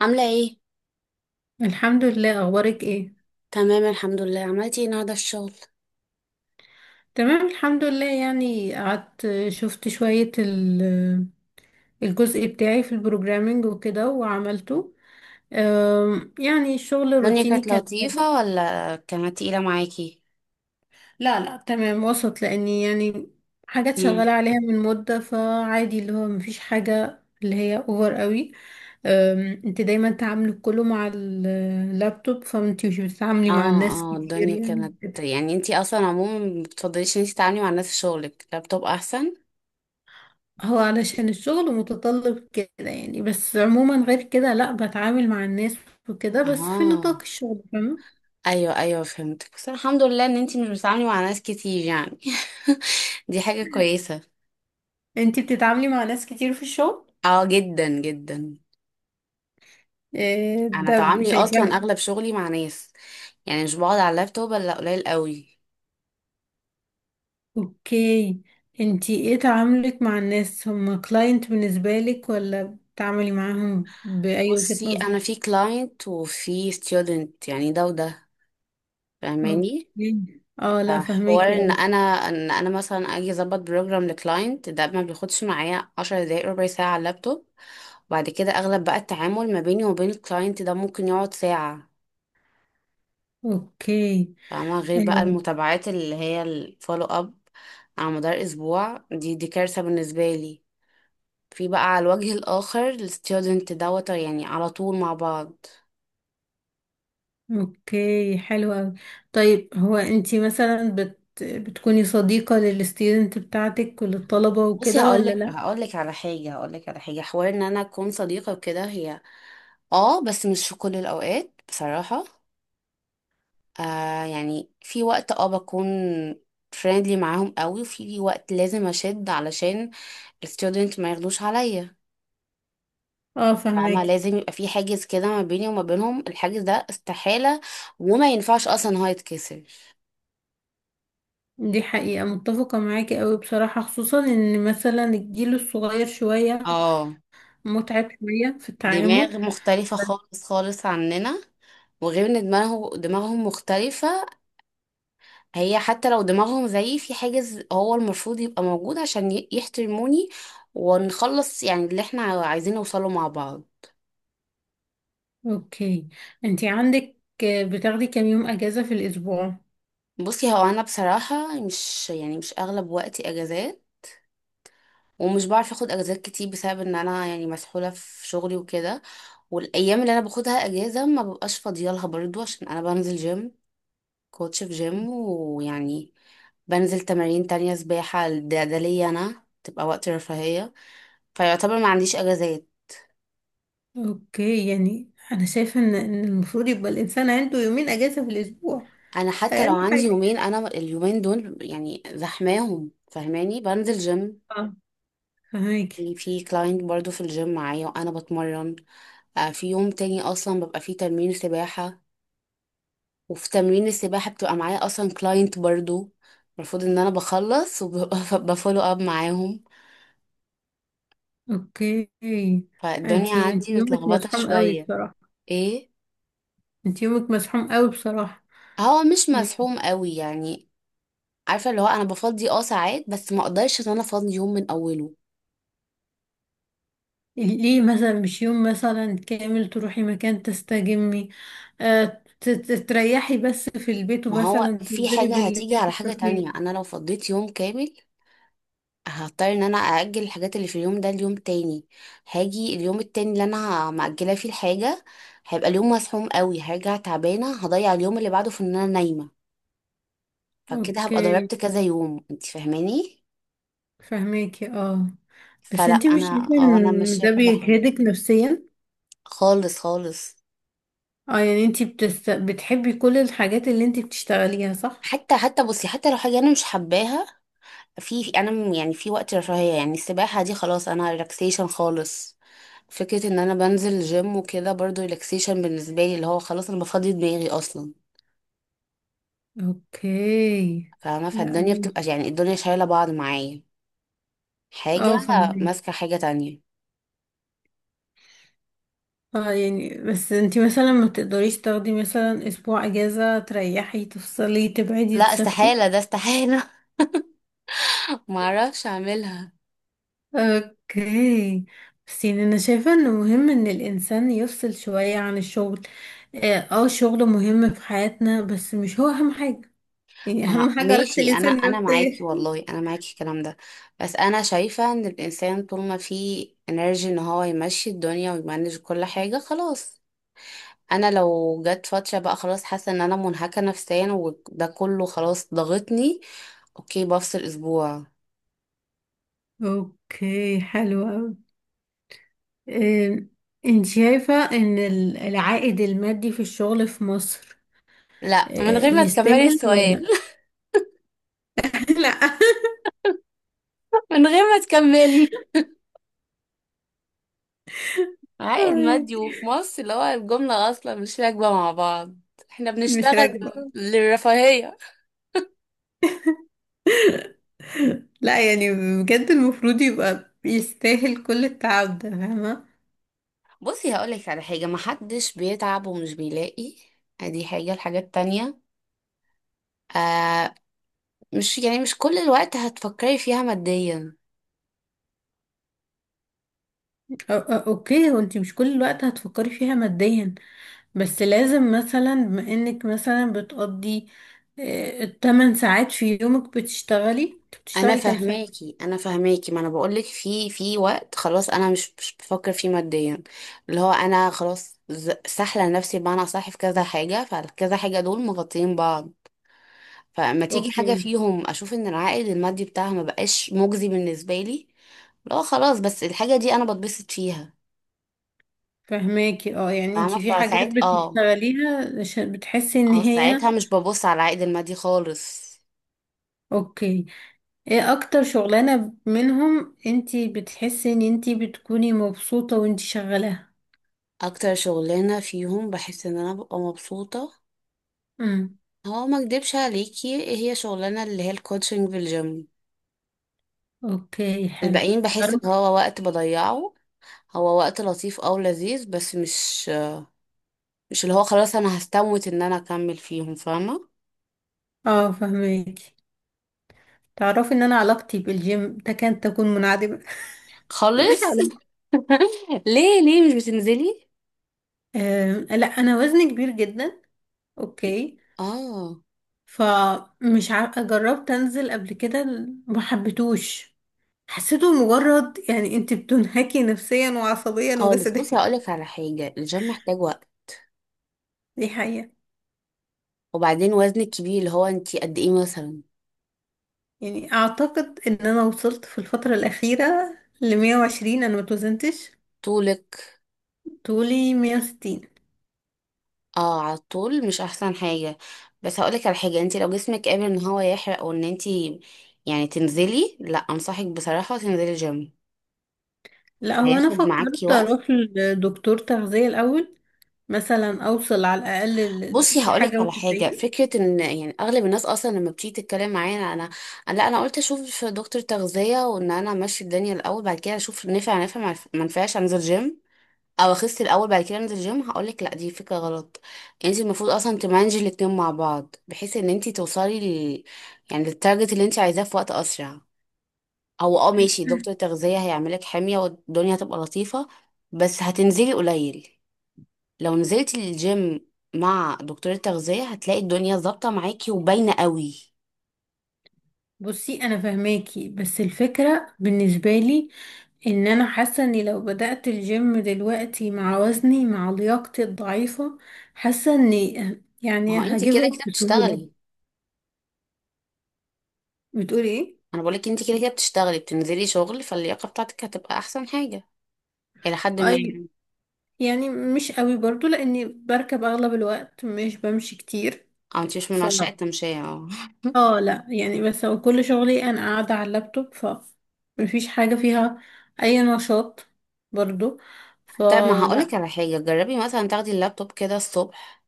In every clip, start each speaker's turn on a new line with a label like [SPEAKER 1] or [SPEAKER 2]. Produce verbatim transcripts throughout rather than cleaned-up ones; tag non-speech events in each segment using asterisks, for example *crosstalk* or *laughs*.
[SPEAKER 1] عاملة ايه؟
[SPEAKER 2] الحمد لله، اخبارك ايه؟
[SPEAKER 1] تمام، الحمد لله. عملتي ايه النهاردة في الشغل؟
[SPEAKER 2] تمام الحمد لله، يعني قعدت شفت شوية ال- الجزء بتاعي في البروجرامينج وكده وعملته. أم، يعني الشغل
[SPEAKER 1] الدنيا
[SPEAKER 2] الروتيني
[SPEAKER 1] كانت
[SPEAKER 2] كالعادة.
[SPEAKER 1] لطيفة ولا كانت تقيلة معاكي؟
[SPEAKER 2] لا لا، تمام وسط، لاني يعني حاجات
[SPEAKER 1] مم.
[SPEAKER 2] شغالة عليها من مدة، فعادي اللي هو مفيش حاجة اللي هي اوفر قوي. أم، انت دايما تعاملي كله مع اللابتوب، فانت مش بتتعاملي مع الناس
[SPEAKER 1] اه اه
[SPEAKER 2] كتير
[SPEAKER 1] الدنيا
[SPEAKER 2] يعني.
[SPEAKER 1] كانت، يعني انتي اصلا عموما ما بتفضليش ان انتي تتعاملي مع الناس في شغلك، لابتوب احسن؟
[SPEAKER 2] هو علشان الشغل متطلب كده يعني، بس عموما غير كده لا بتعامل مع الناس وكده، بس في نطاق
[SPEAKER 1] اه.
[SPEAKER 2] الشغل، فاهمة؟
[SPEAKER 1] ايوه ايوه، فهمتك. بس الحمد لله ان انتي مش بتتعاملي مع ناس كتير يعني. *laughs* دي حاجة كويسة.
[SPEAKER 2] انتي بتتعاملي مع ناس كتير في الشغل؟
[SPEAKER 1] اه جدا جدا.
[SPEAKER 2] إيه
[SPEAKER 1] انا
[SPEAKER 2] ده
[SPEAKER 1] تعاملي
[SPEAKER 2] شايفاه.
[SPEAKER 1] اصلا اغلب شغلي مع ناس، يعني مش بقعد على اللابتوب الا قليل قوي.
[SPEAKER 2] اوكي، انتي ايه تعاملك مع الناس؟ هما كلاينت بالنسبة لك، ولا بتعاملي معاهم بأي وجهة
[SPEAKER 1] بصي،
[SPEAKER 2] نظر؟
[SPEAKER 1] انا في كلاينت وفي ستودنت، يعني ده وده، فاهماني.
[SPEAKER 2] اوكي، اه، لا
[SPEAKER 1] حوار
[SPEAKER 2] فهميكي
[SPEAKER 1] ان
[SPEAKER 2] اوي.
[SPEAKER 1] انا ان انا مثلا اجي اظبط بروجرام لكلاينت، ده ما بياخدش معايا 10 دقايق، ربع ساعه على اللابتوب. وبعد كده اغلب بقى التعامل ما بيني وبين الكلاينت ده، ممكن يقعد ساعه.
[SPEAKER 2] اوكي.
[SPEAKER 1] فاهمه؟ غير بقى
[SPEAKER 2] آه.
[SPEAKER 1] المتابعات اللي هي الفولو اب على مدار اسبوع، دي دي كارثه بالنسبه لي. في بقى على الوجه الاخر الستودنت، دوت يعني على طول مع بعض.
[SPEAKER 2] اوكي، حلو قوي. طيب، هو انتي مثلا بت... بتكوني صديقة للستودنت بتاعتك وللطلبة
[SPEAKER 1] بصي،
[SPEAKER 2] وكده، ولا
[SPEAKER 1] هقولك
[SPEAKER 2] لا؟
[SPEAKER 1] هقولك على حاجة هقولك على حاجة حوار ان انا اكون صديقة وكده. هي اه، بس مش في كل الاوقات بصراحة. آه يعني، في وقت اه بكون فريندلي معاهم قوي، وفي وقت لازم اشد علشان الستودنت ما ياخدوش عليا.
[SPEAKER 2] اه،
[SPEAKER 1] فاهمة؟
[SPEAKER 2] فهماكي.
[SPEAKER 1] لازم يبقى في حاجز كده ما بيني وما بينهم. الحاجز ده استحالة، وما ينفعش اصلا إن هو يتكسر.
[SPEAKER 2] دي حقيقة، متفقة معاكي قوي بصراحة، خصوصا ان مثلا الجيل الصغير شوية
[SPEAKER 1] اه.
[SPEAKER 2] متعب شوية في التعامل.
[SPEAKER 1] دماغ
[SPEAKER 2] ف...
[SPEAKER 1] مختلفة خالص خالص عننا. وغير ان دماغه دماغهم مختلفة. هي حتى لو دماغهم زيي، في حاجز هو المفروض يبقى موجود عشان ي- يحترموني، ونخلص يعني اللي احنا عايزين نوصله مع بعض.
[SPEAKER 2] اوكي، انتي عندك بتاخدي كام يوم اجازة في الاسبوع؟
[SPEAKER 1] بصي، هو انا بصراحة مش يعني مش اغلب وقتي اجازات. ومش بعرف اخد اجازات كتير بسبب ان انا يعني مسحولة في شغلي وكده. والايام اللي انا باخدها اجازة ما ببقاش فاضية لها برضو، عشان انا بنزل جيم، كوتش في جيم، ويعني بنزل تمارين تانية، سباحة. ده ده ليا انا تبقى وقت رفاهية، فيعتبر ما عنديش اجازات.
[SPEAKER 2] اوكي، يعني انا شايفة ان إن المفروض يبقى الانسان عنده يومين اجازة في الاسبوع،
[SPEAKER 1] انا حتى لو
[SPEAKER 2] اقل
[SPEAKER 1] عندي
[SPEAKER 2] حاجة.
[SPEAKER 1] يومين، انا اليومين دول يعني زحماهم، فاهماني، بنزل جيم.
[SPEAKER 2] اه، فهماكي.
[SPEAKER 1] في كلاينت برضو في الجيم معايا وانا بتمرن. آه، في يوم تاني اصلا ببقى فيه تمرين سباحة. وفي تمرين السباحة بتبقى معايا اصلا كلاينت برضو. المفروض ان انا بخلص وبفولو *laughs* اب معاهم.
[SPEAKER 2] اوكي،
[SPEAKER 1] فالدنيا
[SPEAKER 2] انتي انتي
[SPEAKER 1] عندي
[SPEAKER 2] يومك
[SPEAKER 1] متلخبطة
[SPEAKER 2] مزحوم قوي
[SPEAKER 1] شوية.
[SPEAKER 2] بصراحة.
[SPEAKER 1] ايه.
[SPEAKER 2] انتي يومك مزحوم قوي بصراحة.
[SPEAKER 1] هو مش
[SPEAKER 2] م-
[SPEAKER 1] مزحوم قوي يعني. عارفة اللي هو انا بفضي اه ساعات، بس ما اقدرش ان انا افضي يوم من اوله.
[SPEAKER 2] ليه مثلا مش يوم مثلا كامل تروحي مكان تستجمي؟ آه، ت- ت- تريحي بس في البيت،
[SPEAKER 1] ما هو
[SPEAKER 2] ومثلا
[SPEAKER 1] في
[SPEAKER 2] تنزلي
[SPEAKER 1] حاجة
[SPEAKER 2] بالليل
[SPEAKER 1] هتيجي
[SPEAKER 2] في
[SPEAKER 1] على حاجة تانية.
[SPEAKER 2] الكافيه.
[SPEAKER 1] أنا لو فضيت يوم كامل، هضطر إن أنا أأجل الحاجات اللي في اليوم ده ليوم تاني. هاجي اليوم التاني اللي أنا مأجلة فيه الحاجة، هيبقى اليوم مزحوم قوي، هرجع تعبانة، هضيع اليوم اللي بعده في إن أنا نايمة. فكده هبقى
[SPEAKER 2] اوكي،
[SPEAKER 1] ضربت كذا يوم، أنت فاهماني.
[SPEAKER 2] فهماكي، اه. بس
[SPEAKER 1] فلا،
[SPEAKER 2] انتي مش شايفة
[SPEAKER 1] أنا اه، أنا
[SPEAKER 2] ان
[SPEAKER 1] ماشية
[SPEAKER 2] ده
[SPEAKER 1] كل حاجة.
[SPEAKER 2] بيجهدك نفسيا؟
[SPEAKER 1] خالص خالص.
[SPEAKER 2] اه، يعني انتي بتست... بتحبي كل الحاجات اللي انتي بتشتغليها، صح؟
[SPEAKER 1] حتى حتى بصي، حتى لو حاجة أنا مش حباها، في انا م- يعني في وقت رفاهية، يعني السباحة دي خلاص انا ريلاكسيشن خالص. فكرة ان انا بنزل جيم وكده برضو ريلاكسيشن بالنسبة لي، اللي هو خلاص انا بفضي دماغي اصلا.
[SPEAKER 2] اوكي.
[SPEAKER 1] فاهمة؟
[SPEAKER 2] لا،
[SPEAKER 1] فالدنيا بتبقى يعني، الدنيا شايلة بعض معايا. حاجة
[SPEAKER 2] اه، فهماكي.
[SPEAKER 1] ماسكة حاجة تانية.
[SPEAKER 2] اه، يعني بس انتي مثلا ما تقدريش تاخدي مثلا اسبوع اجازة، تريحي، تفصلي، تبعدي،
[SPEAKER 1] لا
[SPEAKER 2] تسافري؟
[SPEAKER 1] استحالة، ده استحالة. *laughs* معرفش اعملها.
[SPEAKER 2] اوكي، بس يعني انا شايفة انه مهم ان الانسان يفصل شوية عن الشغل. اه، آه، الشغل مهم في حياتنا، بس مش هو اهم حاجة. يعني اهم
[SPEAKER 1] آه،
[SPEAKER 2] *laughs* حاجة راحة
[SPEAKER 1] ماشي. انا
[SPEAKER 2] الانسان
[SPEAKER 1] انا معاكي
[SPEAKER 2] النفسية. *laughs*
[SPEAKER 1] والله، انا معاكي في الكلام ده. بس انا شايفة ان الانسان طول ما فيه انرجي ان هو يمشي الدنيا ويمانج كل حاجة، خلاص. انا لو جت فتره بقى خلاص حاسه ان انا منهكه نفسيا، وده كله خلاص ضغطني، اوكي، بفصل اسبوع.
[SPEAKER 2] اوكي، حلو اوي. آم، انت شايفة ان ال- العائد المادي في الشغل في مصر،
[SPEAKER 1] لا، من
[SPEAKER 2] آه،
[SPEAKER 1] غير ما تكملي
[SPEAKER 2] يستاهل ولا
[SPEAKER 1] السؤال.
[SPEAKER 2] لا؟ *laughs*
[SPEAKER 1] *laughs* من غير ما تكملي،
[SPEAKER 2] لا،
[SPEAKER 1] عائد مادي
[SPEAKER 2] *laughs*
[SPEAKER 1] وفي مصر، اللي هو الجمله اصلا مش راكبه مع بعض. احنا
[SPEAKER 2] مش
[SPEAKER 1] بنشتغل
[SPEAKER 2] راكبة.
[SPEAKER 1] للرفاهيه.
[SPEAKER 2] لا يعني، بجد المفروض يبقى يستاهل كل التعب ده، فاهمة؟
[SPEAKER 1] بصي هقولك على حاجه، محدش بيتعب ومش بيلاقي. ادي حاجه الحاجات التانية. آه. مش يعني مش كل الوقت هتفكري فيها ماديا.
[SPEAKER 2] أو- أو- اوكي، وانتي مش كل الوقت هتفكري فيها ماديا. بس لازم مثلا، بما انك مثلا بتقضي آه، التمن ساعات في يومك بتشتغلي، انت
[SPEAKER 1] انا
[SPEAKER 2] بتشتغلي كام ساعة؟
[SPEAKER 1] فهماكي، انا فهماكي. ما انا بقولك في في وقت خلاص انا مش مش بفكر فيه ماديا. اللي هو انا خلاص ز- سحله نفسي بمعنى صح. في كذا حاجه فكذا حاجه، دول مغطيين بعض. فما تيجي حاجه
[SPEAKER 2] اوكي،
[SPEAKER 1] فيهم اشوف ان العائد المادي بتاعها ما بقاش مجزي بالنسبه لي، لا خلاص. بس الحاجه دي انا بتبسط فيها.
[SPEAKER 2] فهماكي. اه، يعني انت
[SPEAKER 1] فاهمه؟
[SPEAKER 2] في حاجات
[SPEAKER 1] فساعات اه،
[SPEAKER 2] بتشتغليها عشان بتحسي ان
[SPEAKER 1] اه
[SPEAKER 2] هي
[SPEAKER 1] ساعتها مش ببص على العائد المادي خالص.
[SPEAKER 2] اوكي. ايه اكتر شغلانة منهم انت بتحسي ان انت بتكوني مبسوطة وانت شغالاها؟
[SPEAKER 1] اكتر شغلانه فيهم بحس ان انا ببقى مبسوطه،
[SPEAKER 2] امم.
[SPEAKER 1] هو ما اكدبش عليكي هي شغلانه اللي هي الكوتشنج في الجيم.
[SPEAKER 2] اوكي، حلو.
[SPEAKER 1] الباقيين بحس ان
[SPEAKER 2] تعرف.
[SPEAKER 1] هو وقت بضيعه. هو وقت لطيف او لذيذ، بس مش مش اللي هو خلاص انا هستموت ان انا اكمل فيهم، فاهمه؟
[SPEAKER 2] اه، فهمك. تعرفي ان انا علاقتي بالجيم تكاد تكون منعدمه. *laughs* مفيش
[SPEAKER 1] خالص.
[SPEAKER 2] علاقه.
[SPEAKER 1] *laughs* ليه ليه مش بتنزلي؟
[SPEAKER 2] آم، لا، انا وزني كبير جدا. اوكي.
[SPEAKER 1] اه.
[SPEAKER 2] فمش ع... جربت انزل قبل كده. ما حبيتوش. حسيته مجرد يعني انت بتنهكي نفسيا وعصبيا
[SPEAKER 1] خالص. بصي
[SPEAKER 2] وجسديا.
[SPEAKER 1] هقولك على حاجه، الجيم محتاج وقت.
[SPEAKER 2] *laughs* دي حقيقه.
[SPEAKER 1] وبعدين وزنك كبير، اللي هو انتي قد ايه مثلا؟
[SPEAKER 2] يعني اعتقد ان انا وصلت في الفتره الاخيره ل مية وعشرين، انا ما توزنتش.
[SPEAKER 1] طولك؟
[SPEAKER 2] طولي مية وستين.
[SPEAKER 1] اه. على طول مش احسن حاجه، بس هقولك على حاجه، انت لو جسمك قابل ان هو يحرق او ان انت يعني تنزلي، لا، انصحك بصراحه تنزلي جيم.
[SPEAKER 2] لا هو، انا
[SPEAKER 1] هياخد معاكي
[SPEAKER 2] فكرت
[SPEAKER 1] وقت.
[SPEAKER 2] اروح لدكتور تغذية الاول، مثلا اوصل على الاقل ل-
[SPEAKER 1] بصي هقولك
[SPEAKER 2] لحاجة
[SPEAKER 1] على حاجه،
[SPEAKER 2] وتسعين.
[SPEAKER 1] فكره ان يعني اغلب الناس اصلا لما بتيجي تتكلم معايا انا، لا انا قلت اشوف دكتور تغذيه وان انا امشي الدنيا الاول، بعد كده اشوف نفع نفع ما ما نفعش انزل جيم، او اخس الاول بعد كده انزل الجيم، هقولك لا، دي فكره غلط. انت المفروض اصلا تمانجي الاتنين مع بعض، بحيث ان انت توصلي ل... يعني للتارجت اللي انت عايزاه في وقت اسرع. هو اه ماشي، دكتور
[SPEAKER 2] *clears throat*
[SPEAKER 1] تغذيه هيعملك حميه والدنيا هتبقى لطيفه، بس هتنزلي قليل. لو نزلتي الجيم مع دكتور التغذيه، هتلاقي الدنيا ظابطه معاكي وباينه قوي.
[SPEAKER 2] بصي، انا فهماكي، بس الفكرة بالنسبة لي ان انا حاسة اني لو بدأت الجيم دلوقتي مع وزني مع لياقتي الضعيفة، حاسة اني *clears throat*
[SPEAKER 1] ما
[SPEAKER 2] يعني
[SPEAKER 1] هو انت
[SPEAKER 2] هجيب
[SPEAKER 1] كده
[SPEAKER 2] اب
[SPEAKER 1] كده
[SPEAKER 2] بسهولة.
[SPEAKER 1] بتشتغلي.
[SPEAKER 2] بتقولي ايه؟
[SPEAKER 1] انا بقولك انت كده كده بتشتغلي، بتنزلي شغل، فاللياقه بتاعتك هتبقى احسن حاجه الى حد ما
[SPEAKER 2] أي.
[SPEAKER 1] يعني.
[SPEAKER 2] يعني مش قوي برضو، لاني بركب اغلب الوقت، مش بمشي كتير.
[SPEAKER 1] او انت مش من عشاق التمشيه؟ اه. *laughs*
[SPEAKER 2] اه لا يعني، بس هو كل شغلي انا قاعدة على اللابتوب، ف مفيش حاجة فيها اي نشاط برضو،
[SPEAKER 1] طب ما هقولك
[SPEAKER 2] فلا.
[SPEAKER 1] على حاجة، جربي مثلا تاخدي اللابتوب كده الصبح،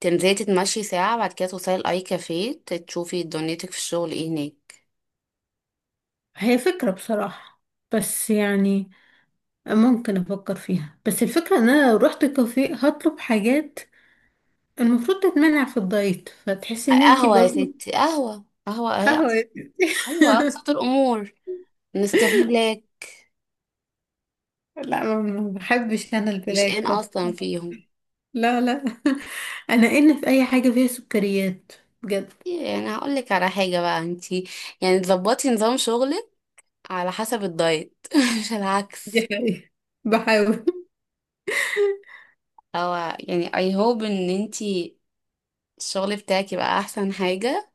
[SPEAKER 1] تنزلي تتمشي ساعة، بعد كده توصلي الأي كافيه، تشوفي دنيتك في الشغل ايه هناك.
[SPEAKER 2] هي فكرة بصراحة، بس يعني ممكن افكر فيها، بس الفكرة ان انا لو رحت كافيه هطلب حاجات المفروض تتمنع في الدايت، فتحسي ان انتي
[SPEAKER 1] قهوة يا
[SPEAKER 2] برضو
[SPEAKER 1] ستي، قهوة قهوة اهي،
[SPEAKER 2] قهوة
[SPEAKER 1] أبس-
[SPEAKER 2] يا
[SPEAKER 1] أيوة
[SPEAKER 2] ستي.
[SPEAKER 1] أبسط
[SPEAKER 2] *laughs*
[SPEAKER 1] الأمور، نسكافيه بلاك.
[SPEAKER 2] لا، ما ما بحبش انا
[SPEAKER 1] مش
[SPEAKER 2] البلاك
[SPEAKER 1] ان
[SPEAKER 2] ده.
[SPEAKER 1] أصلا فيهم.
[SPEAKER 2] لا، لا. *laughs* انا ان في اي حاجة فيها سكريات، بجد،
[SPEAKER 1] يعني هقولك على حاجة بقى، انتي يعني تظبطي نظام شغلك على حسب الدايت، *laughs* مش
[SPEAKER 2] دي
[SPEAKER 1] العكس.
[SPEAKER 2] حقيقة. بحاول. *laughs*
[SPEAKER 1] أو يعني I hope ان انتي الشغل بتاعك يبقى أحسن حاجة.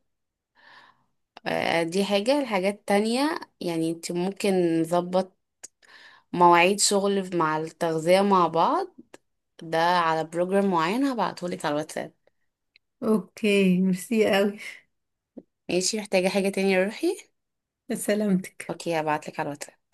[SPEAKER 1] آه، دي حاجة الحاجات التانية. يعني انت ممكن نظبط مواعيد شغل مع التغذية مع بعض، ده على بروجرام معين هبعتهولك على الواتساب.
[SPEAKER 2] اوكي، ميرسي قوي.
[SPEAKER 1] ماشي، محتاجة حاجة تانية يا روحي؟
[SPEAKER 2] سلامتك.
[SPEAKER 1] اوكي، هبعتلك على الواتساب.